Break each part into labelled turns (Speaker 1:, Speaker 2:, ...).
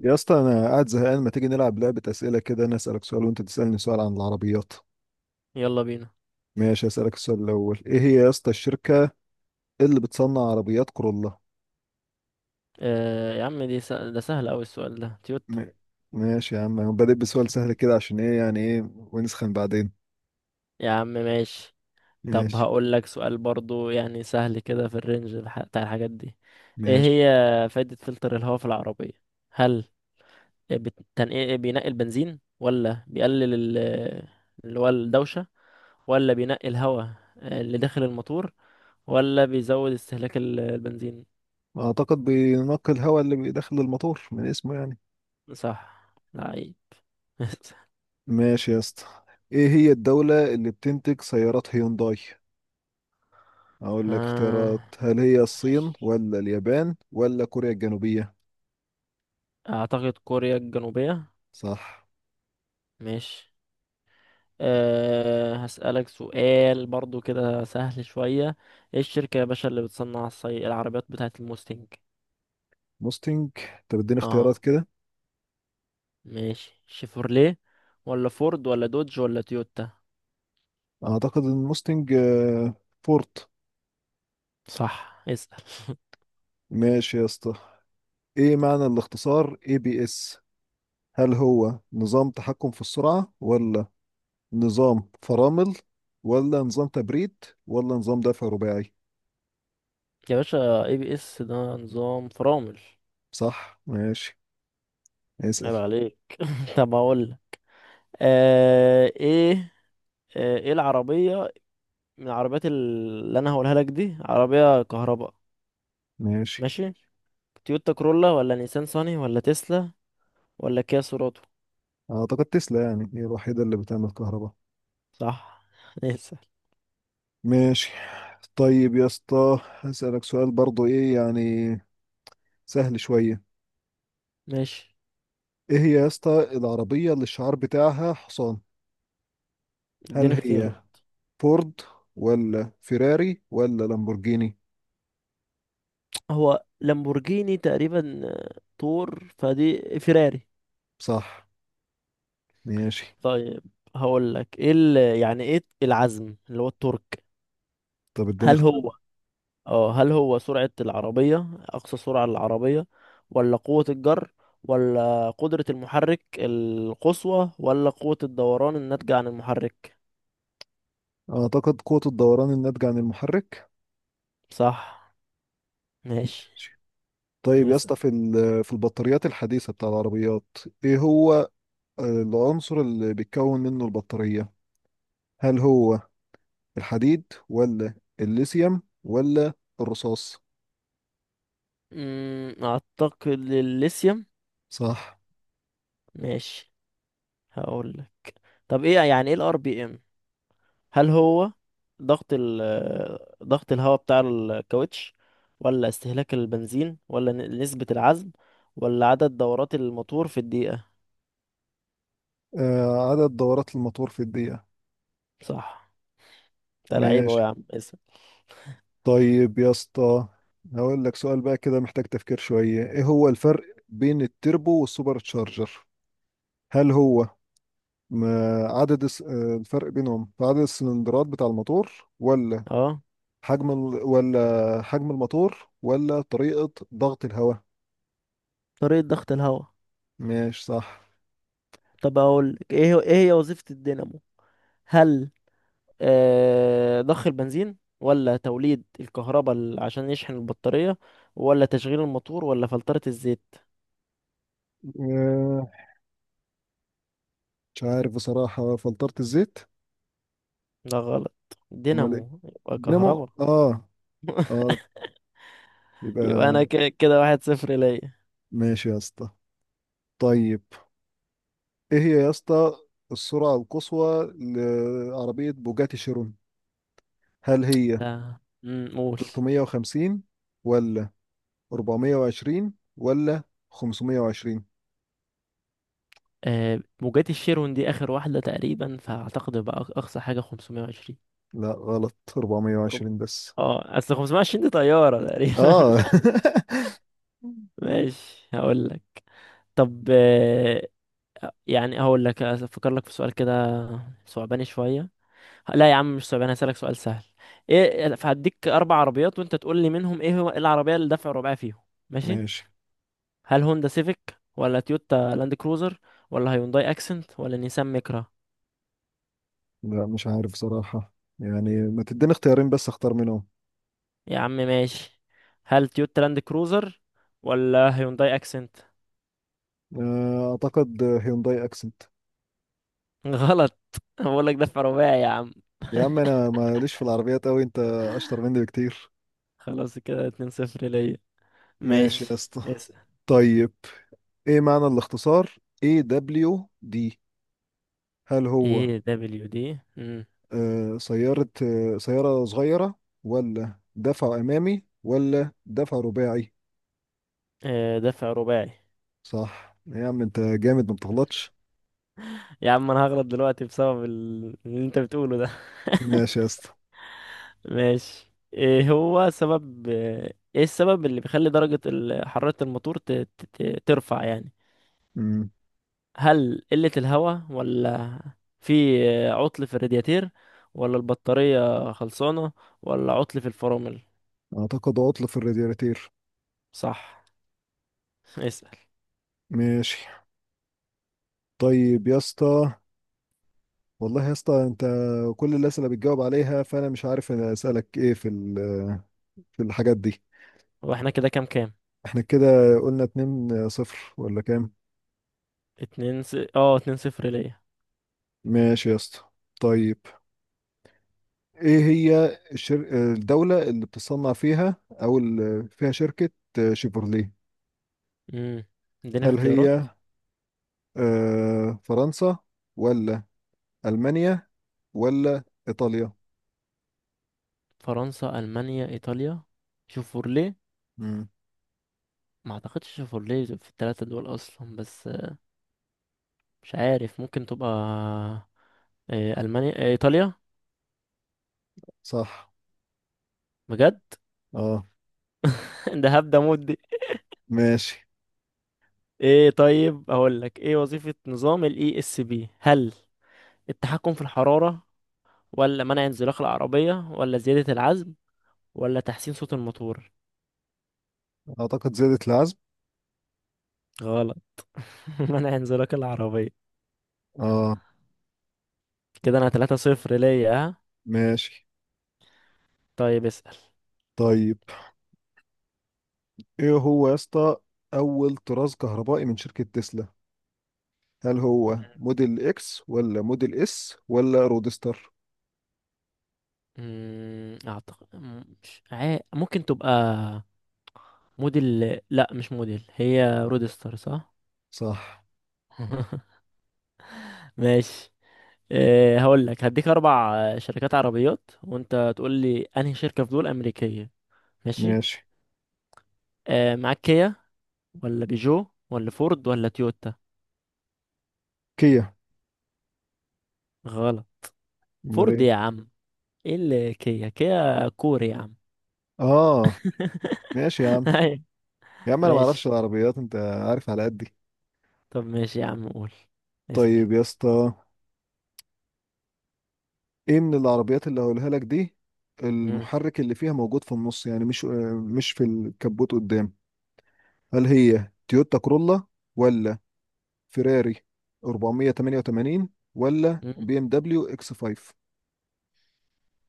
Speaker 1: يا اسطى انا قاعد زهقان، ما تيجي نلعب لعبة أسئلة كده؟ انا أسألك سؤال وانت تسألني سؤال عن العربيات.
Speaker 2: يلا بينا.
Speaker 1: ماشي، أسألك السؤال الأول. ايه هي يا اسطى الشركة اللي بتصنع عربيات كورولا؟
Speaker 2: آه يا عم، ده سهل أوي السؤال ده، تويوتا.
Speaker 1: م- ماشي يا عم، أنا بادئ بسؤال سهل كده عشان ايه يعني، ايه ونسخن بعدين.
Speaker 2: يا عم ماشي. طب
Speaker 1: ماشي.
Speaker 2: هقول لك سؤال برضو يعني سهل كده، في الرينج بتاع الحاجات دي. ايه
Speaker 1: ماشي،
Speaker 2: هي فايدة فلتر الهواء في العربية؟ هل بينقي البنزين، ولا بيقلل اللي هو الدوشة، ولا بينقي الهواء، اللي داخل الموتور، ولا بيزود استهلاك البنزين؟
Speaker 1: اعتقد بينقي الهواء اللي بيدخل الموتور من اسمه يعني.
Speaker 2: صح، لعيب.
Speaker 1: ماشي يا اسطى. ايه هي الدولة اللي بتنتج سيارات هيونداي؟ اقول لك اختيارات،
Speaker 2: آه،
Speaker 1: هل هي الصين
Speaker 2: ماشي.
Speaker 1: ولا اليابان ولا كوريا الجنوبية؟
Speaker 2: اعتقد كوريا الجنوبية.
Speaker 1: صح.
Speaker 2: ماشي. هسألك سؤال برضو كده سهل شوية. ايه الشركة يا باشا اللي بتصنع العربيات بتاعة الموستنج؟
Speaker 1: موستنج؟ طب اديني اختيارات
Speaker 2: اه،
Speaker 1: كده.
Speaker 2: ماشي. شيفورليه ولا فورد ولا دوج ولا تويوتا؟
Speaker 1: اعتقد ان موستنج فورت.
Speaker 2: صح، اسأل.
Speaker 1: ماشي يا اسطى. ايه معنى الاختصار اي بي اس؟ هل هو نظام تحكم في السرعة ولا نظام فرامل ولا نظام تبريد ولا نظام دفع رباعي؟
Speaker 2: يا باشا، ABS ده نظام فرامل.
Speaker 1: صح ماشي، اسأل.
Speaker 2: عيب عليك. طب اقول لك. أه ايه آه، ايه العربية من العربيات اللي انا هقولها لك دي عربية كهرباء؟
Speaker 1: ماشي،
Speaker 2: ماشي. تويوتا كرولا ولا نيسان صاني ولا تسلا ولا كيا سوراتو؟
Speaker 1: اعتقد تسلا يعني هي الوحيدة اللي بتعمل كهرباء.
Speaker 2: صح، اسأل.
Speaker 1: ماشي. طيب يا اسطى هسألك سؤال برضو ايه يعني، سهل شوية.
Speaker 2: ماشي،
Speaker 1: ايه هي يا اسطى العربية اللي الشعار بتاعها حصان؟ هل
Speaker 2: اديني اختيارات.
Speaker 1: هي فورد ولا فيراري ولا لامبورجيني؟
Speaker 2: هو لامبورجيني تقريبا، طور فدي فيراري.
Speaker 1: صح ماشي.
Speaker 2: طيب، هقول لك يعني ايه العزم اللي هو التورك؟
Speaker 1: طب اديني
Speaker 2: هل
Speaker 1: اختيار.
Speaker 2: هو اه هل هو سرعة العربية اقصى سرعة للعربية، ولا قوة الجر، ولا قدرة المحرك القصوى، ولا قوة الدوران الناتجة عن المحرك؟
Speaker 1: اعتقد قوة الدوران الناتجة عن المحرك.
Speaker 2: صح. ماشي،
Speaker 1: ماشي. طيب يا
Speaker 2: اسأل.
Speaker 1: اسطى، في البطاريات الحديثة بتاع العربيات، ايه هو العنصر اللي بيتكون منه البطارية؟ هل هو الحديد ولا الليثيوم ولا الرصاص؟
Speaker 2: اعتقد الليثيوم.
Speaker 1: صح.
Speaker 2: ماشي. هقول طب، يعني ايه الRPM؟ هل هو ضغط ال ضغط الهواء بتاع الكاوتش، ولا استهلاك البنزين، ولا نسبة العزم، ولا عدد دورات الموتور في الدقيقة؟
Speaker 1: آه، عدد دورات الموتور في الدقيقة.
Speaker 2: صح، انت لعيب اهو
Speaker 1: ماشي.
Speaker 2: يا عم. اسم.
Speaker 1: طيب يا اسطى هقول لك سؤال بقى كده محتاج تفكير شوية. ايه هو الفرق بين التربو والسوبر تشارجر؟ هل هو م- عدد الس- آه، الفرق بينهم في عدد السلندرات بتاع الموتور، ولا
Speaker 2: اه
Speaker 1: ولا حجم الموتور، ولا طريقة ضغط الهواء؟
Speaker 2: طريقة ضغط الهواء.
Speaker 1: ماشي صح.
Speaker 2: طب اقول لك ايه هي وظيفة الدينامو؟ هل ضخ البنزين، ولا توليد الكهرباء عشان يشحن البطارية، ولا تشغيل الموتور، ولا فلترة الزيت؟
Speaker 1: آه، مش عارف بصراحة، فلترة الزيت.
Speaker 2: ده غلط،
Speaker 1: امال ايه؟
Speaker 2: دينامو يبقى
Speaker 1: دينامو.
Speaker 2: كهرباء.
Speaker 1: اه اه
Speaker 2: يبقى
Speaker 1: يبقى.
Speaker 2: انا كده 1-0 ليا.
Speaker 1: ماشي يا اسطى طيب. ايه هي يا اسطى السرعة القصوى لعربية بوجاتي شيرون؟ هل هي
Speaker 2: لا، قول.
Speaker 1: 350 ولا 420 ولا 520؟
Speaker 2: آه، موجات الشيرون دي اخر واحده تقريبا، فاعتقد بقى اقصى حاجه 520.
Speaker 1: لا غلط،
Speaker 2: أوروبا.
Speaker 1: 420 بس.
Speaker 2: اه اصل 520 دي طياره تقريبا.
Speaker 1: اه.
Speaker 2: ماشي، هقول لك. طب يعني هقول لك افكر لك في سؤال كده، صعباني شويه. لا يا عم، مش صعباني، هسألك سؤال سهل. ايه، فهديك اربع عربيات وانت تقول لي منهم، ايه هو إيه العربيه اللي دفع رباعي فيهم. ماشي.
Speaker 1: ماشي.
Speaker 2: هل هوندا سيفيك، ولا تويوتا لاند كروزر، ولا هيونداي اكسنت، ولا نيسان ميكرا؟
Speaker 1: لا، مش عارف صراحة. يعني ما تديني اختيارين بس اختار منهم.
Speaker 2: يا عم ماشي. هل تويوتا لاند كروزر، ولا هيونداي اكسنت؟
Speaker 1: اعتقد هيونداي اكسنت.
Speaker 2: غلط، بقول لك دفع رباعي يا عم.
Speaker 1: يا عم انا ماليش في العربيات اوي، انت اشطر مني بكتير.
Speaker 2: خلاص، كده 2-0 ليا.
Speaker 1: ماشي
Speaker 2: ماشي،
Speaker 1: يا اسطى.
Speaker 2: اسأل.
Speaker 1: طيب ايه معنى الاختصار اي دبليو دي؟ هل هو
Speaker 2: AWD.
Speaker 1: آه، سيارة سيارة صغيرة ولا دفع أمامي ولا دفع رباعي؟
Speaker 2: آه، دفع رباعي.
Speaker 1: صح، يا عم أنت جامد ما بتغلطش.
Speaker 2: يا عم، انا هغلط دلوقتي بسبب اللي انت بتقوله ده.
Speaker 1: ماشي يا اسطى.
Speaker 2: ماشي. ايه هو سبب ايه السبب اللي بيخلي درجة حرارة الموتور ترفع يعني؟
Speaker 1: أمم،
Speaker 2: هل قلة الهواء، ولا في عطل في الرادياتير، ولا البطارية خلصانة، ولا عطل في الفرامل؟
Speaker 1: أعتقد عطل في الرادياتير.
Speaker 2: صح. اسأل.
Speaker 1: ماشي. طيب يا اسطى، والله يا اسطى أنت كل الأسئلة بتجاوب عليها، فأنا مش عارف أنا أسألك إيه في الحاجات دي.
Speaker 2: واحنا كده كام؟
Speaker 1: احنا كده قلنا 2 صفر ولا كام؟
Speaker 2: اتنين س... اه 2-0 ليا.
Speaker 1: ماشي يا اسطى. طيب ايه هي الدولة اللي بتصنع فيها او اللي فيها شركة شيفروليه؟
Speaker 2: امم اديني
Speaker 1: هل
Speaker 2: اختيارات.
Speaker 1: هي فرنسا ولا ألمانيا ولا إيطاليا؟
Speaker 2: فرنسا، المانيا، ايطاليا. شوفورلي.
Speaker 1: مم.
Speaker 2: ما اعتقدش شوفورلي في الثلاثة دول اصلا، بس مش عارف، ممكن تبقى إيه المانيا إيه ايطاليا؟
Speaker 1: صح.
Speaker 2: بجد.
Speaker 1: اه
Speaker 2: ده هبدأ مود دي.
Speaker 1: ماشي.
Speaker 2: ايه طيب، اقول لك ايه وظيفة نظام الESP؟ هل التحكم في الحرارة، ولا منع انزلاق العربية، ولا زيادة العزم، ولا تحسين صوت الموتور؟
Speaker 1: اعتقد زادت العزم.
Speaker 2: غلط. منع انزلاق العربية.
Speaker 1: اه
Speaker 2: كده انا 3 صفر ليا، ها؟
Speaker 1: ماشي.
Speaker 2: طيب، اسأل.
Speaker 1: طيب ايه هو يا اسطى اول طراز كهربائي من شركة تسلا؟ هل هو موديل اكس ولا موديل اس ولا رودستر؟
Speaker 2: اعتقد، مم، مش عا- ممكن تبقى موديل. لا مش موديل، هي رودستر، صح.
Speaker 1: صح
Speaker 2: ماشي. هقول لك، هديك اربع شركات عربيات، وانت تقول لي انهي شركة في دول امريكية. ماشي.
Speaker 1: ماشي.
Speaker 2: معاك كيا، ولا بيجو، ولا فورد، ولا تويوتا؟
Speaker 1: كيا.
Speaker 2: غلط.
Speaker 1: امال
Speaker 2: فورد
Speaker 1: ايه؟
Speaker 2: يا عم. ايه اللي كيا، كيا كوري يا عم.
Speaker 1: اه. ماشي يا عم.
Speaker 2: ايوه.
Speaker 1: يا عم انا ما اعرفش
Speaker 2: ماشي.
Speaker 1: العربيات، انت عارف على قدي.
Speaker 2: طب ماشي يا عم، قول، اسأل.
Speaker 1: طيب يا اسطى، ايه من العربيات اللي هقولها لك دي
Speaker 2: مم.
Speaker 1: المحرك اللي فيها موجود في النص، يعني مش في الكبوت قدام؟ هل هي تويوتا كرولا، ولا فيراري 488، ولا
Speaker 2: مم.
Speaker 1: بي ام دبليو اكس 5؟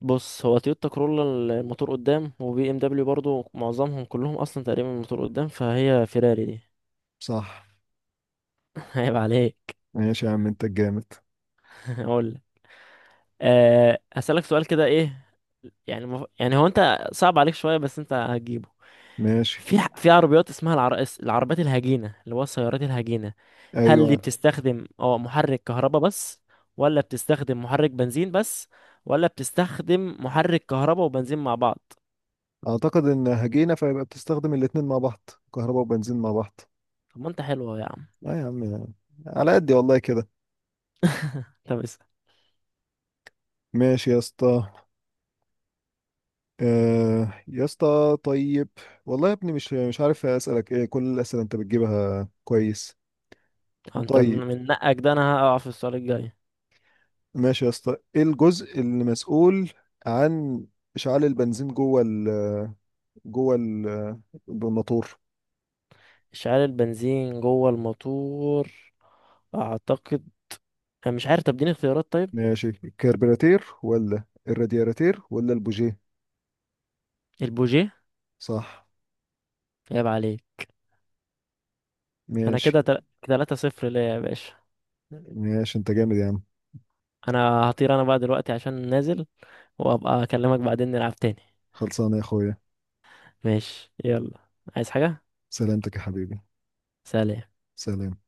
Speaker 2: بص، هو تويوتا كرولا الموتور قدام، وبي ام دبليو برضو معظمهم كلهم اصلا تقريبا الموتور قدام، فهي فيراري دي.
Speaker 1: صح
Speaker 2: عيب عليك.
Speaker 1: ماشي. يا عم انت الجامد.
Speaker 2: اقول لك. هسألك سؤال كده، ايه يعني يعني هو انت صعب عليك شوية، بس انت هتجيبه.
Speaker 1: ماشي.
Speaker 2: في عربيات اسمها العربيات الهجينة، اللي هو السيارات الهجينة. هل دي
Speaker 1: ايوه،
Speaker 2: بتستخدم محرك كهرباء بس، ولا بتستخدم محرك بنزين بس، ولا بتستخدم محرك كهرباء وبنزين مع بعض؟
Speaker 1: اعتقد ان هجينا فيبقى بتستخدم الاتنين مع بعض، كهرباء وبنزين مع بعض.
Speaker 2: طب ما انت حلو أهو يا عم.
Speaker 1: لا يا عم، على قدي والله كده.
Speaker 2: طب اسأل.
Speaker 1: ماشي يا اسطى. يا اسطى طيب، والله يا ابني مش عارف اسالك ايه، كل الاسئله انت بتجيبها كويس.
Speaker 2: طب انت
Speaker 1: طيب
Speaker 2: من نقك ده، انا هقع في السؤال الجاي.
Speaker 1: ماشي يا اسطى. ايه الجزء اللي مسؤول عن اشعال البنزين جوه ال- الموتور؟
Speaker 2: اشعال البنزين جوه الموتور. اعتقد، انا مش عارف، طب اديني اختيارات طيب.
Speaker 1: ماشي، الكربيراتير ولا الرادياتير ولا البوجيه؟
Speaker 2: البوجيه.
Speaker 1: صح
Speaker 2: عيب عليك. انا
Speaker 1: ماشي.
Speaker 2: كده 3 صفر ليا يا باشا.
Speaker 1: ماشي انت جامد يا عم.
Speaker 2: انا هطير، انا بقى دلوقتي عشان نازل، وابقى اكلمك بعدين نلعب تاني.
Speaker 1: خلصانه يا اخويا.
Speaker 2: ماشي، يلا. عايز حاجة؟
Speaker 1: سلامتك يا حبيبي.
Speaker 2: سلام.
Speaker 1: سلام.